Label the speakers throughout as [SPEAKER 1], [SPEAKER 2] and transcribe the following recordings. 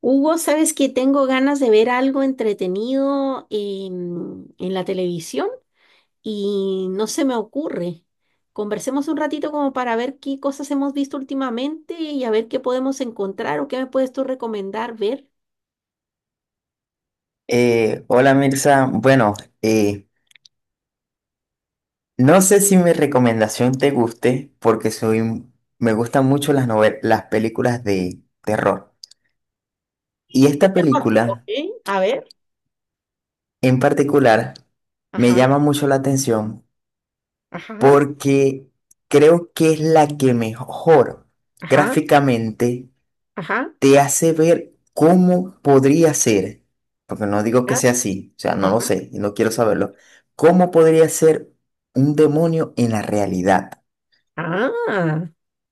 [SPEAKER 1] Hugo, ¿sabes que tengo ganas de ver algo entretenido en la televisión y no se me ocurre? Conversemos un ratito como para ver qué cosas hemos visto últimamente y a ver qué podemos encontrar o qué me puedes tú recomendar ver.
[SPEAKER 2] Hola Mirza, bueno, eh, no sé si mi recomendación te guste porque me gustan mucho las las películas de terror. Y esta
[SPEAKER 1] Ah, ok,
[SPEAKER 2] película
[SPEAKER 1] a ver.
[SPEAKER 2] en particular me
[SPEAKER 1] Ajá,
[SPEAKER 2] llama mucho la atención
[SPEAKER 1] ajá,
[SPEAKER 2] porque creo que es la que mejor
[SPEAKER 1] ajá,
[SPEAKER 2] gráficamente
[SPEAKER 1] ajá,
[SPEAKER 2] te hace ver cómo podría ser, porque no digo que
[SPEAKER 1] ah,
[SPEAKER 2] sea así, o sea, no lo
[SPEAKER 1] ajá.
[SPEAKER 2] sé y no quiero saberlo, cómo podría ser un demonio en la realidad.
[SPEAKER 1] Ah,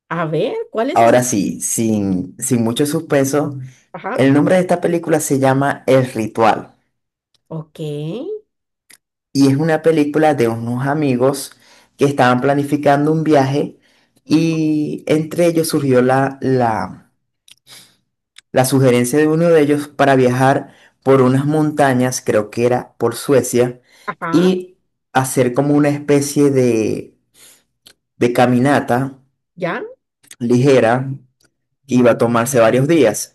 [SPEAKER 1] a ver, ¿cuál es esa?
[SPEAKER 2] Ahora sí, sin mucho suspenso,
[SPEAKER 1] Ajá,
[SPEAKER 2] el nombre de esta película se llama El Ritual
[SPEAKER 1] ok,
[SPEAKER 2] y es una película de unos amigos que estaban planificando un viaje y entre ellos surgió la sugerencia de uno de ellos para viajar por unas montañas, creo que era por Suecia,
[SPEAKER 1] ajá,
[SPEAKER 2] y hacer como una especie de caminata
[SPEAKER 1] ya,
[SPEAKER 2] ligera que iba a tomarse varios días.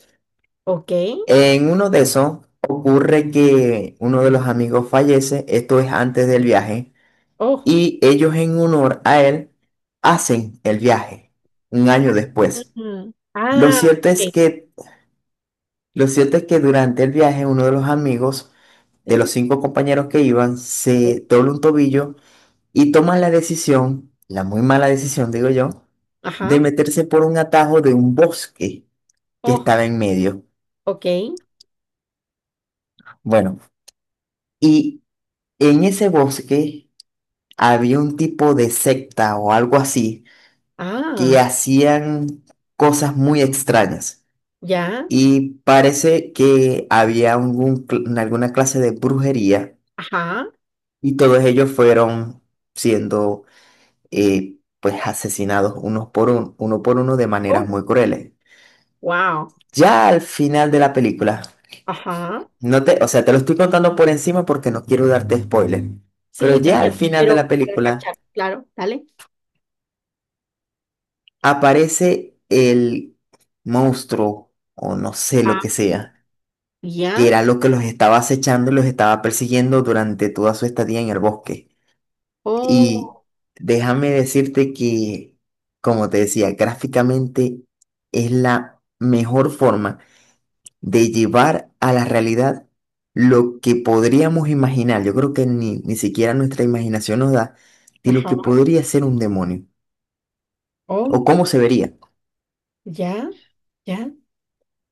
[SPEAKER 1] ok.
[SPEAKER 2] En uno de esos ocurre que uno de los amigos fallece, esto es antes del viaje,
[SPEAKER 1] Oh,
[SPEAKER 2] y ellos en honor a él hacen el viaje un año después.
[SPEAKER 1] ujú.
[SPEAKER 2] Lo
[SPEAKER 1] Ah,
[SPEAKER 2] cierto es
[SPEAKER 1] ok,
[SPEAKER 2] que, lo cierto es que durante el viaje uno de los amigos de los
[SPEAKER 1] sí.
[SPEAKER 2] cinco compañeros que iban, se dobla un tobillo y toman la decisión, la muy mala decisión, digo yo,
[SPEAKER 1] Ajá.
[SPEAKER 2] de meterse por un atajo de un bosque que
[SPEAKER 1] Oh,
[SPEAKER 2] estaba en medio.
[SPEAKER 1] ok.
[SPEAKER 2] Bueno, y en ese bosque había un tipo de secta o algo así que
[SPEAKER 1] Ah,
[SPEAKER 2] hacían cosas muy extrañas.
[SPEAKER 1] ya.
[SPEAKER 2] Y parece que había alguna clase de brujería
[SPEAKER 1] Ajá.
[SPEAKER 2] y todos ellos fueron siendo y pues asesinados uno por uno de maneras
[SPEAKER 1] Oh,
[SPEAKER 2] muy crueles.
[SPEAKER 1] wow.
[SPEAKER 2] Ya al final de la película,
[SPEAKER 1] Ajá.
[SPEAKER 2] no te, o sea, te lo estoy contando por encima porque no quiero darte spoiler,
[SPEAKER 1] Sí,
[SPEAKER 2] pero
[SPEAKER 1] está
[SPEAKER 2] ya al
[SPEAKER 1] bien,
[SPEAKER 2] final de la
[SPEAKER 1] pero para
[SPEAKER 2] película
[SPEAKER 1] cachar, claro, dale.
[SPEAKER 2] aparece el monstruo o no sé lo
[SPEAKER 1] Ah,
[SPEAKER 2] que sea, que
[SPEAKER 1] ya.
[SPEAKER 2] era lo que los estaba acechando y los estaba persiguiendo durante toda su estadía en el bosque. Y
[SPEAKER 1] Oh,
[SPEAKER 2] déjame decirte que, como te decía, gráficamente es la mejor forma de llevar a la realidad lo que podríamos imaginar. Yo creo que ni siquiera nuestra imaginación nos da de lo
[SPEAKER 1] ajá.
[SPEAKER 2] que podría ser un demonio o
[SPEAKER 1] Oh,
[SPEAKER 2] cómo se vería.
[SPEAKER 1] ya. Ya.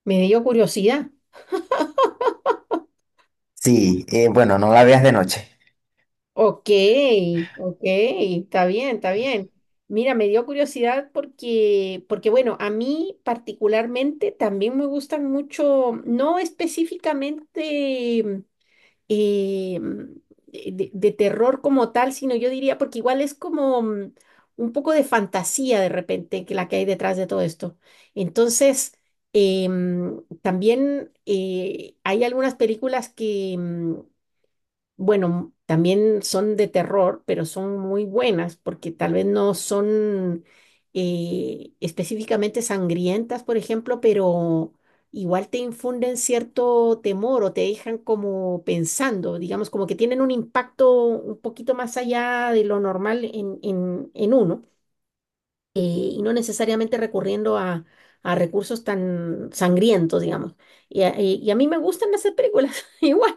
[SPEAKER 1] Me dio curiosidad.
[SPEAKER 2] Sí, bueno, no la veas de noche.
[SPEAKER 1] Ok, ok, está bien, está bien. Mira, me dio curiosidad porque, porque bueno, a mí particularmente también me gustan mucho, no específicamente. eh, de terror como tal, sino yo diría, porque igual es como un poco de fantasía de repente que la que hay detrás de todo esto. Entonces, también hay algunas películas que, bueno, también son de terror, pero son muy buenas porque tal vez no son específicamente sangrientas, por ejemplo, pero igual te infunden cierto temor o te dejan como pensando, digamos, como que tienen un impacto un poquito más allá de lo normal en uno, y no necesariamente recurriendo a recursos tan sangrientos, digamos. Y a mí me gustan hacer películas igual.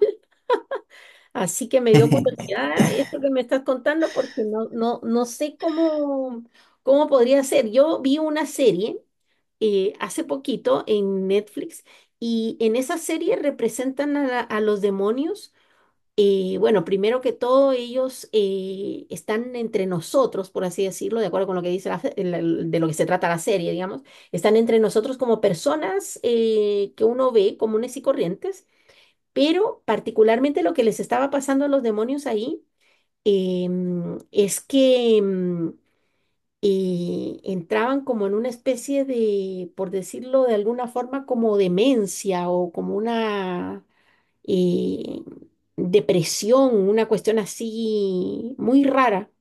[SPEAKER 1] Así que me dio curiosidad esto que me estás contando porque no, no, no sé cómo, cómo podría ser. Yo vi una serie hace poquito en Netflix y en esa serie representan a, a los demonios. Bueno, primero que todo, ellos están entre nosotros, por así decirlo, de acuerdo con lo que dice la fe- el- de lo que se trata la serie, digamos, están entre nosotros como personas que uno ve comunes y corrientes, pero particularmente lo que les estaba pasando a los demonios ahí es que entraban como en una especie de, por decirlo de alguna forma, como demencia o como una eh, depresión, una cuestión así muy rara,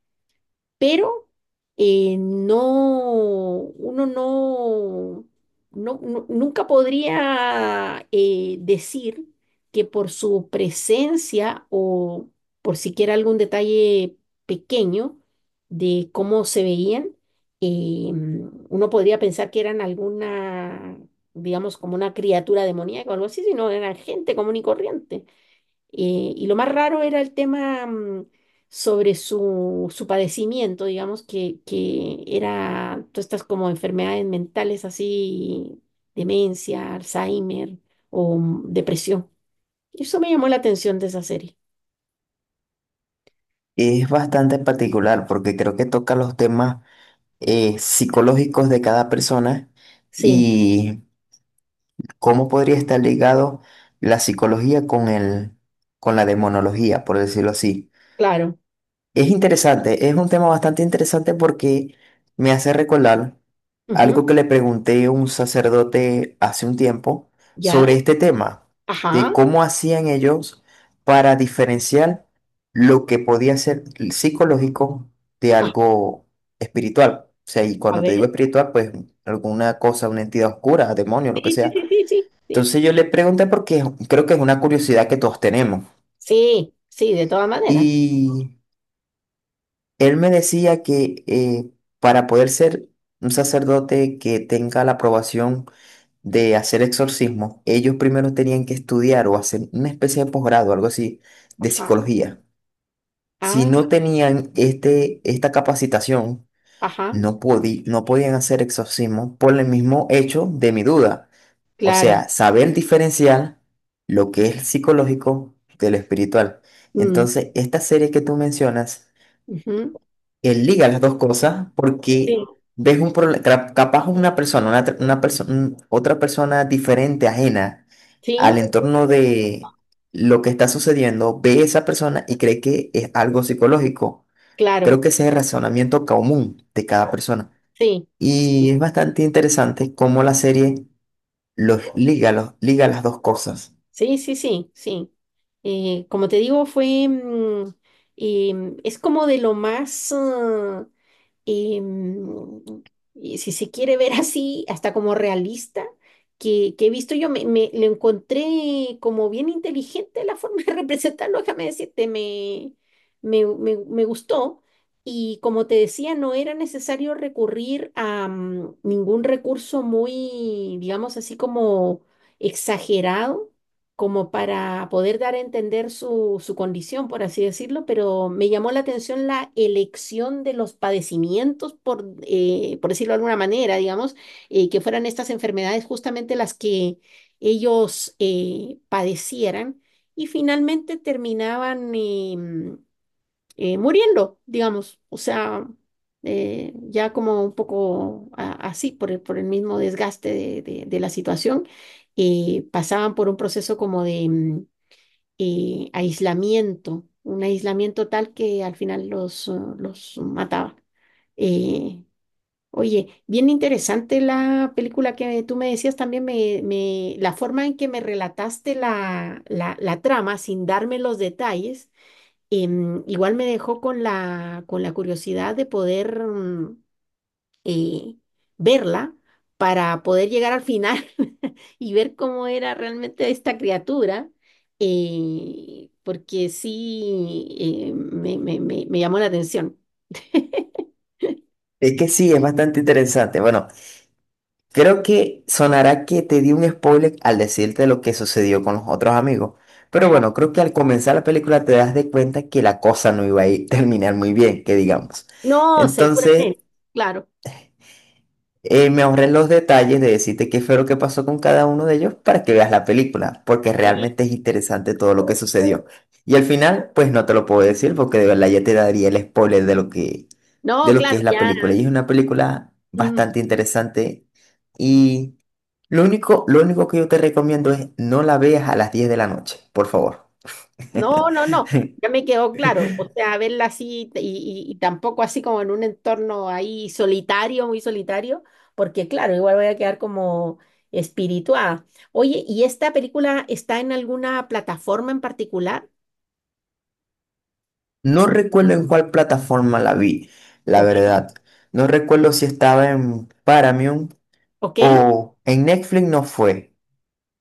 [SPEAKER 1] pero no, uno no, nunca podría decir que por su presencia o por siquiera algún detalle pequeño de cómo se veían, eh, uno podría pensar que eran alguna, digamos, como una criatura demoníaca o algo así, sino eran gente común y corriente. Y lo más raro era el tema sobre su, su padecimiento, digamos, que era todas estas como enfermedades mentales así, demencia, Alzheimer o depresión. Eso me llamó la atención de esa serie.
[SPEAKER 2] Es bastante particular porque creo que toca los temas psicológicos de cada persona
[SPEAKER 1] Sí,
[SPEAKER 2] y cómo podría estar ligado la psicología con la demonología, por decirlo así.
[SPEAKER 1] claro.
[SPEAKER 2] Es interesante, es un tema bastante interesante porque me hace recordar
[SPEAKER 1] Ujú,
[SPEAKER 2] algo que le pregunté a un sacerdote hace un tiempo
[SPEAKER 1] ya,
[SPEAKER 2] sobre este tema, de
[SPEAKER 1] ajá.
[SPEAKER 2] cómo hacían ellos para diferenciar lo que podía ser psicológico de
[SPEAKER 1] Ah,
[SPEAKER 2] algo espiritual. O sea, y
[SPEAKER 1] a
[SPEAKER 2] cuando te
[SPEAKER 1] ver.
[SPEAKER 2] digo espiritual, pues alguna cosa, una entidad oscura, demonio, lo que
[SPEAKER 1] Sí, sí,
[SPEAKER 2] sea.
[SPEAKER 1] sí, sí, sí, sí.
[SPEAKER 2] Entonces yo le pregunté porque creo que es una curiosidad que todos tenemos.
[SPEAKER 1] Sí, sí, de todas maneras.
[SPEAKER 2] Y él me decía que para poder ser un sacerdote que tenga la aprobación de hacer exorcismo, ellos primero tenían que estudiar o hacer una especie de posgrado, algo así, de
[SPEAKER 1] Ajá.
[SPEAKER 2] psicología. Si no
[SPEAKER 1] Ah,
[SPEAKER 2] tenían esta capacitación,
[SPEAKER 1] ajá,
[SPEAKER 2] no podían hacer exorcismo por el mismo hecho de mi duda. O
[SPEAKER 1] claro.
[SPEAKER 2] sea, saber diferenciar lo que es psicológico de lo espiritual.
[SPEAKER 1] Mm,
[SPEAKER 2] Entonces, esta serie que tú mencionas
[SPEAKER 1] ujú,
[SPEAKER 2] que liga las dos cosas porque
[SPEAKER 1] sí,
[SPEAKER 2] ves capaz una persona, una, tr- una perso- un- otra persona diferente, ajena al
[SPEAKER 1] sí,
[SPEAKER 2] entorno de lo que está sucediendo, ve esa persona y cree que es algo psicológico.
[SPEAKER 1] claro.
[SPEAKER 2] Creo que ese es el razonamiento común de cada persona.
[SPEAKER 1] Sí. Sí.
[SPEAKER 2] Y es bastante interesante cómo la serie los liga las dos cosas.
[SPEAKER 1] Sí, sí, sí, sí. Como te digo, fue, es como de lo más, em, y si se quiere ver así, hasta como realista, que he visto yo, lo encontré como bien inteligente la forma de representarlo, déjame decirte, me gustó. Y como te decía, no era necesario recurrir a ningún recurso muy, digamos así como exagerado como para poder dar a entender su, su condición, por así decirlo, pero me llamó la atención la elección de los padecimientos, por decirlo de alguna manera, digamos, que fueran estas enfermedades justamente las que ellos padecieran y finalmente terminaban, muriendo, digamos, o sea, ya como un poco así, por el mismo desgaste de la situación, pasaban por un proceso como de aislamiento, un aislamiento tal que al final los mataba. Eh, Oye, bien interesante la película que tú me decías, también la forma en que me relataste la trama sin darme los detalles. Igual me dejó con la curiosidad de poder eh, verla para poder llegar al final y ver cómo era realmente esta criatura, porque sí me llamó la atención.
[SPEAKER 2] Es que sí, es bastante interesante. Bueno, creo que sonará que te di un spoiler al decirte lo que sucedió con los otros amigos. Pero
[SPEAKER 1] Ajá.
[SPEAKER 2] bueno, creo que al comenzar la película te das de cuenta que la cosa no iba a terminar muy bien, que digamos.
[SPEAKER 1] No,
[SPEAKER 2] Entonces,
[SPEAKER 1] seguramente, claro.
[SPEAKER 2] me ahorré los detalles de decirte qué fue lo que pasó con cada uno de ellos para que veas la película, porque realmente
[SPEAKER 1] Sí.
[SPEAKER 2] es interesante todo lo que sucedió. Y al final, pues no te lo puedo decir porque de verdad ya te daría el spoiler de lo que, de
[SPEAKER 1] No,
[SPEAKER 2] lo que
[SPEAKER 1] claro,
[SPEAKER 2] es la
[SPEAKER 1] ya.
[SPEAKER 2] película. Y es una película
[SPEAKER 1] Mm,
[SPEAKER 2] bastante interesante. Lo único que yo te recomiendo es no la veas a las 10 de la noche, por favor.
[SPEAKER 1] no, no, no, ya me quedó claro. O sea, verla así y, y tampoco así como en un entorno ahí solitario, muy solitario, porque claro, igual voy a quedar como espirituada. Oye, ¿y esta película está en alguna plataforma en particular?
[SPEAKER 2] No recuerdo en cuál plataforma la vi, la
[SPEAKER 1] Ok.
[SPEAKER 2] verdad. No recuerdo si estaba en Paramount
[SPEAKER 1] ¿Ok?
[SPEAKER 2] o en Netflix no fue.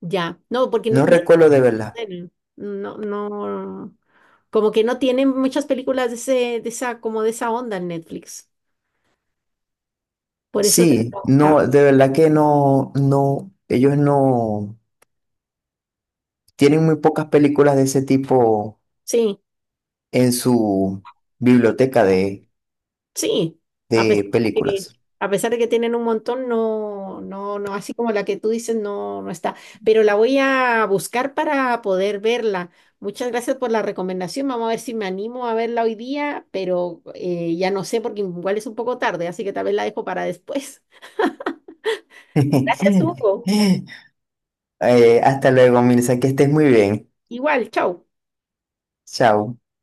[SPEAKER 1] Ya. No, porque no,
[SPEAKER 2] No recuerdo de verdad.
[SPEAKER 1] ne- no, no, como que no tienen muchas películas de ese, de esa, como de esa onda en Netflix. Por eso te
[SPEAKER 2] Sí,
[SPEAKER 1] preguntaba.
[SPEAKER 2] no, de verdad que no, no, ellos no tienen muy pocas películas de ese tipo
[SPEAKER 1] Sí.
[SPEAKER 2] en su biblioteca de,
[SPEAKER 1] Sí, a pesar
[SPEAKER 2] de
[SPEAKER 1] de que,
[SPEAKER 2] películas.
[SPEAKER 1] a pesar de que tienen un montón, no, no, no, así como la que tú dices, no, no está. Pero la voy a buscar para poder verla. Muchas gracias por la recomendación. Vamos a ver si me animo a verla hoy día, pero ya no sé porque igual es un poco tarde, así que tal vez la dejo para después. Gracias, Hugo.
[SPEAKER 2] Hasta luego, Mirza, que estés muy bien.
[SPEAKER 1] Igual, chao.
[SPEAKER 2] Chao.